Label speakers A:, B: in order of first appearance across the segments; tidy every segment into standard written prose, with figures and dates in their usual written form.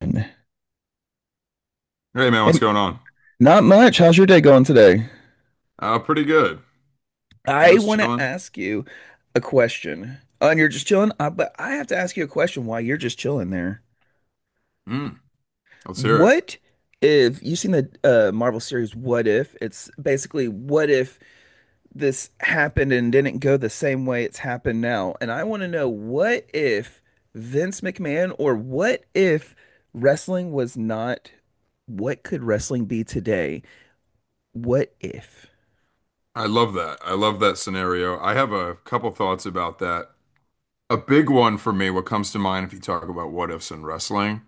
A: Hey,
B: Hey man, what's going on?
A: not much. How's your day going today?
B: Pretty good. I'm
A: I
B: just
A: want to
B: chilling.
A: ask you a question. Oh, and you're just chilling, but I have to ask you a question while you're just chilling there.
B: Mm, let's hear it.
A: What if you've seen the Marvel series What If? It's basically what if this happened and didn't go the same way it's happened now? And I want to know what if Vince McMahon or what if wrestling was not, what could wrestling be today? What if?
B: I love that. I love that scenario. I have a couple thoughts about that. A big one for me, what comes to mind if you talk about what ifs in wrestling,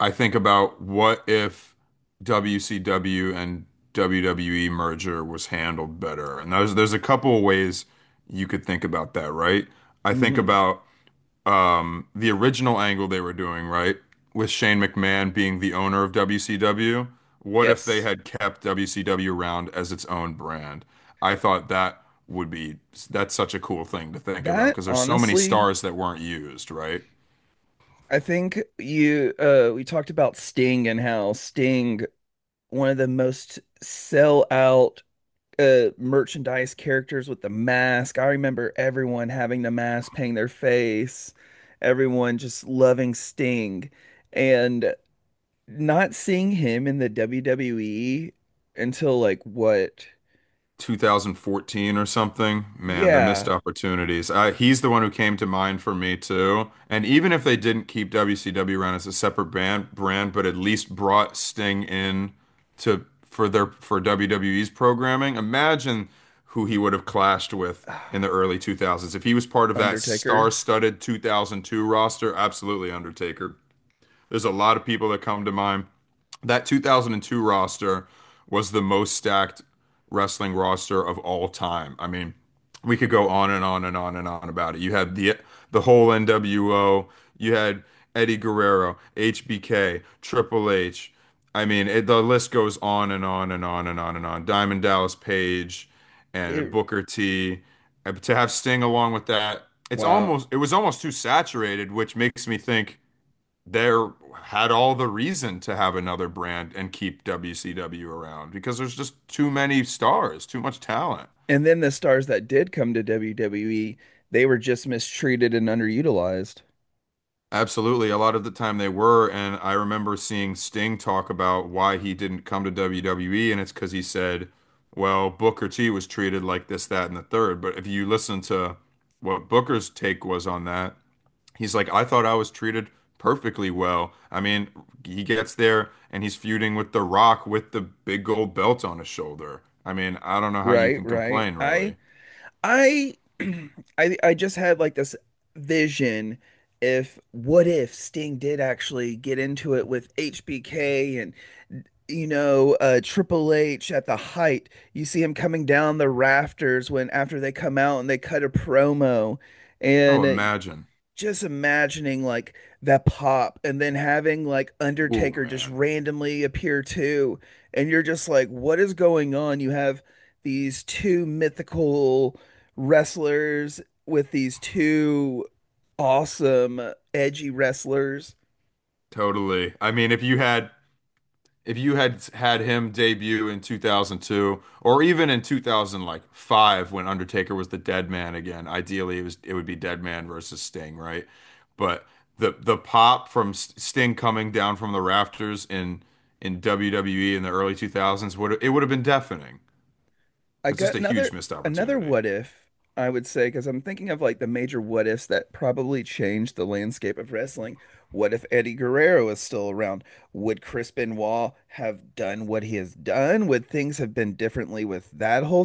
B: I think about what if WCW and WWE merger was handled better. And there's a couple of ways you could think about that, right? I think
A: Hmm.
B: about the original angle they were doing, right? With Shane McMahon being the owner of WCW. What if they
A: Yes.
B: had kept WCW around as its own brand? I thought that would be, that's such a cool thing to think about
A: That
B: because there's so many
A: honestly,
B: stars that weren't used, right?
A: I think you we talked about Sting and how Sting, one of the most sell out merchandise characters with the mask. I remember everyone having the mask, painting their face, everyone just loving Sting. And not seeing him in the WWE until like what?
B: 2014 or something. Man, the missed
A: Yeah.
B: opportunities. He's the one who came to mind for me too. And even if they didn't keep WCW around as a separate brand, but at least brought Sting in to for their for WWE's programming. Imagine who he would have clashed with in the early 2000s if he was part of that
A: Undertaker.
B: star-studded 2002 roster. Absolutely, Undertaker. There's a lot of people that come to mind. That 2002 roster was the most stacked wrestling roster of all time. I mean, we could go on and on and on and on about it. You had the whole NWO, you had Eddie Guerrero, HBK, Triple H. I mean, the list goes on and on and on and on and on. Diamond Dallas Page and
A: It
B: Booker T. To have Sting along with that,
A: wow.
B: it was almost too saturated, which makes me think there had all the reason to have another brand and keep WCW around because there's just too many stars, too much talent.
A: And then the stars that did come to WWE, they were just mistreated and underutilized.
B: Absolutely. A lot of the time they were. And I remember seeing Sting talk about why he didn't come to WWE. And it's because he said, well, Booker T was treated like this, that, and the third. But if you listen to what Booker's take was on that, he's like, I thought I was treated perfectly well. I mean, he gets there and he's feuding with The Rock with the big gold belt on his shoulder. I mean, I don't know how you
A: Right,
B: can
A: right.
B: complain,
A: I
B: really.
A: I I just had like this vision if what if Sting did actually get into it with HBK and Triple H at the height. You see him coming down the rafters when after they come out and they cut a promo
B: Oh,
A: and
B: imagine.
A: just imagining like that pop and then having like
B: Ooh,
A: Undertaker just
B: man.
A: randomly appear too. And you're just like, what is going on? You have these two mythical wrestlers with these two awesome, edgy wrestlers.
B: Totally. I mean, if you had had him debut in 2002 or even in 2005 when Undertaker was the Dead Man again, ideally it would be Dead Man versus Sting, right? But the pop from Sting coming down from the rafters in WWE in the early 2000s would it would have been deafening.
A: I
B: It's just
A: got
B: a huge missed
A: another
B: opportunity.
A: what if I would say because I'm thinking of like the major what ifs that probably changed the landscape of wrestling. What if Eddie Guerrero is still around? Would Chris Benoit have done what he has done? Would things have been differently with that whole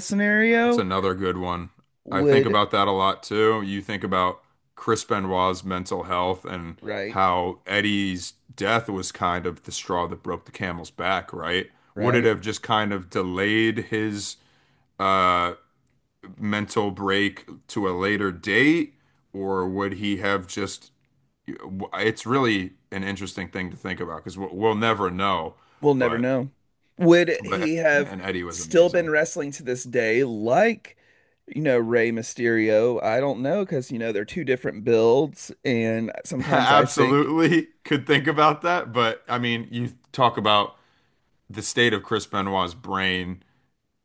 B: That's
A: scenario?
B: another good one. I think
A: Would
B: about that a lot too. You think about Chris Benoit's mental health and
A: right,
B: how Eddie's death was kind of the straw that broke the camel's back, right? Would it
A: right?
B: have just kind of delayed his uh, mental break to a later date, or would he have just? It's really an interesting thing to think about because we'll never know.
A: We'll never
B: But
A: know. Would he have
B: man, Eddie was
A: still been
B: amazing.
A: wrestling to this day like you know, Rey Mysterio. I don't know because, you know, they're two different builds. And sometimes I think
B: Absolutely could think about that, but I mean, you talk about the state of Chris Benoit's brain.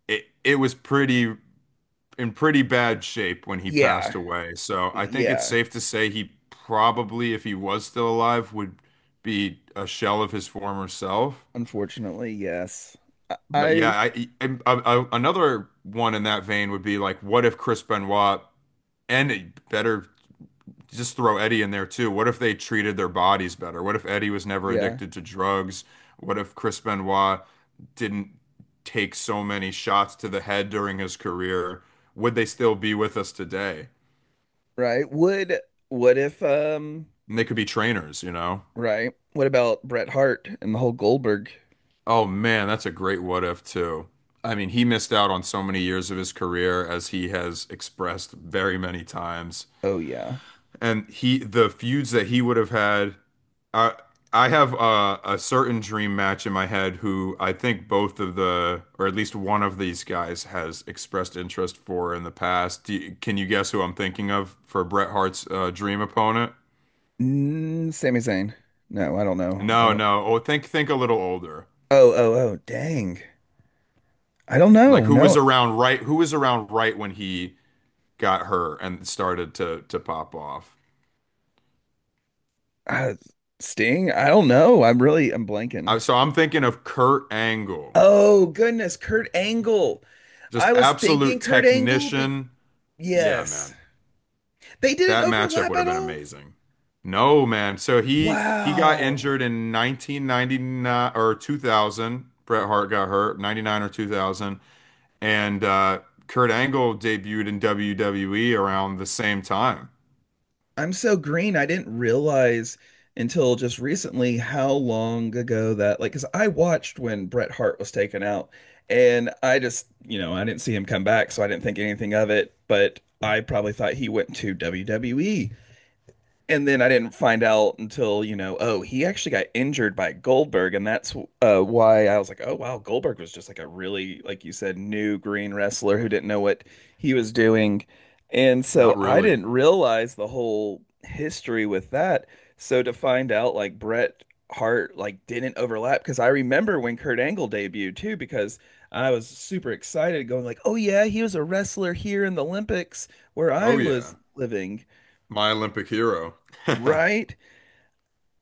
B: It was pretty in pretty bad shape when he passed
A: yeah.
B: away. So I think it's
A: Yeah.
B: safe to say he probably, if he was still alive, would be a shell of his former self.
A: Unfortunately, yes. I,
B: But yeah,
A: I
B: another one in that vein would be like, what if Chris Benoit and better just throw Eddie in there too. What if they treated their bodies better? What if Eddie was never
A: yeah,
B: addicted to drugs? What if Chris Benoit didn't take so many shots to the head during his career? Would they still be with us today?
A: right. Would what if
B: And they could be trainers, you know?
A: right. What about Bret Hart and the whole Goldberg?
B: Oh man, that's a great what if too. I mean, he missed out on so many years of his career as he has expressed very many times.
A: Oh yeah.
B: And he the feuds that he would have had I I have a certain dream match in my head who I think both of the, or at least one of these guys has expressed interest for in the past. Do you- can you guess who I'm thinking of for Bret Hart's dream opponent?
A: Mm, Sami Zayn. No, I don't know. I
B: No,
A: don't.
B: no. Oh, think a little older.
A: Oh, oh, oh, dang. I don't
B: Like
A: know.
B: who was
A: No.
B: around right? Who was around right when he got hurt and started to pop off?
A: Uh, Sting? I don't know. I'm really I'm blanking.
B: So I'm thinking of Kurt Angle,
A: Oh, goodness, Kurt Angle.
B: just
A: I was thinking
B: absolute
A: Kurt Angle, but
B: technician. Yeah,
A: yes.
B: man.
A: They didn't
B: That matchup
A: overlap
B: would have
A: at
B: been
A: all?
B: amazing. No, man. So he got
A: Wow.
B: injured in 1999 or 2000. Bret Hart got hurt, 99 or 2000, and Kurt Angle debuted in WWE around the same time.
A: I'm so green. I didn't realize until just recently how long ago that, like, because I watched when Bret Hart was taken out, and I just, you know, I didn't see him come back, so I didn't think anything of it. But I probably thought he went to WWE. And then I didn't find out until, you know, oh, he actually got injured by Goldberg. And that's why I was like, oh, wow, Goldberg was just like a really, like you said, new green wrestler who didn't know what he was doing. And so
B: Not
A: I
B: really.
A: didn't realize the whole history with that. So to find out, like, Bret Hart, like, didn't overlap because I remember when Kurt Angle debuted too, because I was super excited going, like, oh, yeah, he was a wrestler here in the Olympics where
B: Oh
A: I was
B: yeah,
A: living,
B: my Olympic hero.
A: right?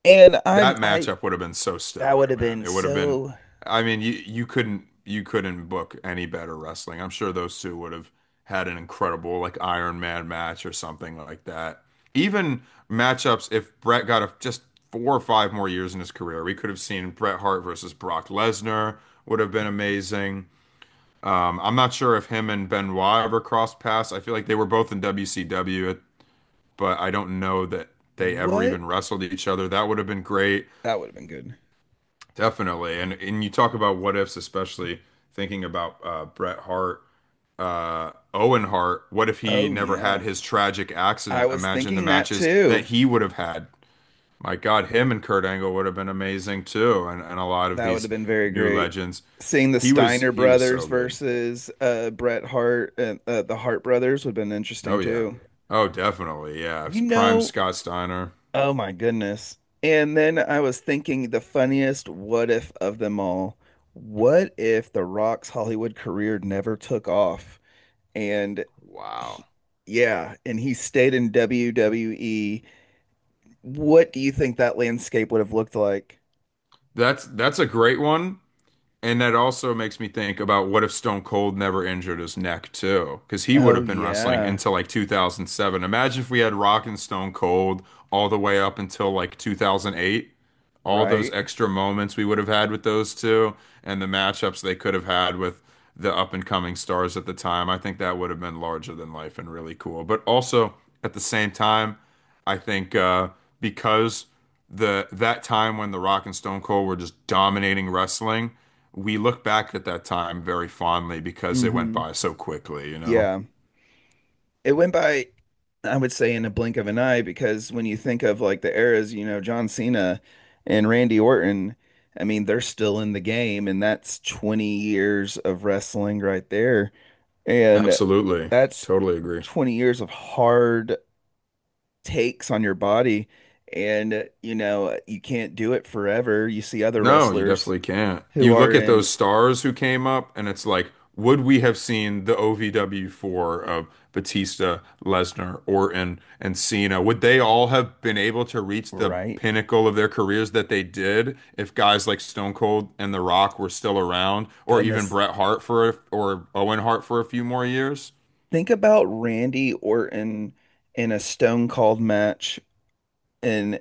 A: And I'm
B: That
A: I
B: matchup would have been so
A: that would
B: stellar,
A: have
B: man.
A: been
B: It would have been,
A: so
B: I mean, you couldn't book any better wrestling. I'm sure those two would have had an incredible like Iron Man match or something like that. Even matchups, if Brett got a, just 4 or 5 more years in his career, we could have seen Bret Hart versus Brock Lesnar would have been amazing. I'm not sure if him and Benoit ever crossed paths. I feel like they were both in WCW, but I don't know that they ever
A: what?
B: even wrestled each other. That would have been great.
A: That would have been good.
B: Definitely. And you talk about what ifs, especially thinking about Bret Hart, Owen Hart. What if he
A: Oh
B: never had
A: yeah.
B: his tragic
A: I
B: accident?
A: was
B: Imagine the
A: thinking that
B: matches that
A: too.
B: he would have had. My God, him and Kurt Angle would have been amazing too, and a lot of
A: That would
B: these
A: have been very
B: new
A: great.
B: legends.
A: Seeing the
B: He was
A: Steiner
B: he was
A: brothers
B: so good.
A: versus Bret Hart and the Hart brothers would have been
B: Oh
A: interesting
B: yeah.
A: too.
B: Oh, definitely. Yeah.
A: You
B: It's prime
A: know,
B: Scott Steiner.
A: oh my goodness. And then I was thinking the funniest what if of them all. What if The Rock's Hollywood career never took off? And he,
B: Wow.
A: yeah, and he stayed in WWE. What do you think that landscape would have looked like?
B: That's a great one. And that also makes me think about what if Stone Cold never injured his neck too? Because he would
A: Oh
B: have been wrestling
A: yeah,
B: until like 2007. Imagine if we had Rock and Stone Cold all the way up until like 2008, all those
A: right.
B: extra moments we would have had with those two and the matchups they could have had with the up and coming stars at the time. I think that would have been larger than life and really cool. But also at the same time, I think because the that time when The Rock and Stone Cold were just dominating wrestling, we look back at that time very fondly because it went
A: Mm-hmm.
B: by so quickly, you know?
A: Yeah. It went by, I would say, in a blink of an eye because when you think of like the eras, you know, John Cena and Randy Orton, I mean, they're still in the game, and that's 20 years of wrestling right there. And
B: Absolutely.
A: that's
B: Totally agree.
A: 20 years of hard takes on your body and you know you can't do it forever you see other
B: No, you
A: wrestlers
B: definitely can't.
A: who
B: You
A: are
B: look at
A: in
B: those stars who came up, and it's like, would we have seen the OVW four of Batista, Lesnar, Orton, and Cena? Would they all have been able to reach the
A: right
B: pinnacle of their careers that they did if guys like Stone Cold and The Rock were still around, or even
A: goodness
B: Bret Hart for a, or Owen Hart for a few more years?
A: think about Randy Orton in a Stone Cold match and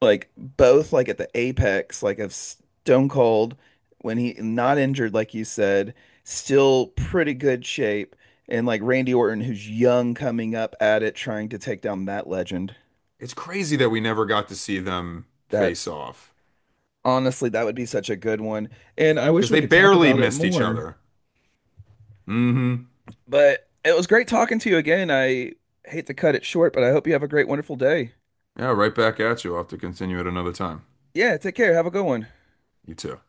A: like both like at the apex like of Stone Cold when he not injured like you said still pretty good shape and like Randy Orton who's young coming up at it trying to take down that legend
B: It's crazy that we never got to see them face
A: that.
B: off
A: Honestly, that would be such a good one. And I wish
B: because
A: we
B: they
A: could talk
B: barely
A: about it
B: missed each
A: more.
B: other. Hmm.
A: But it was great talking to you again. I hate to cut it short, but I hope you have a great, wonderful day.
B: Yeah, right back at you. I'll have to continue at another time.
A: Yeah, take care. Have a good one.
B: You too.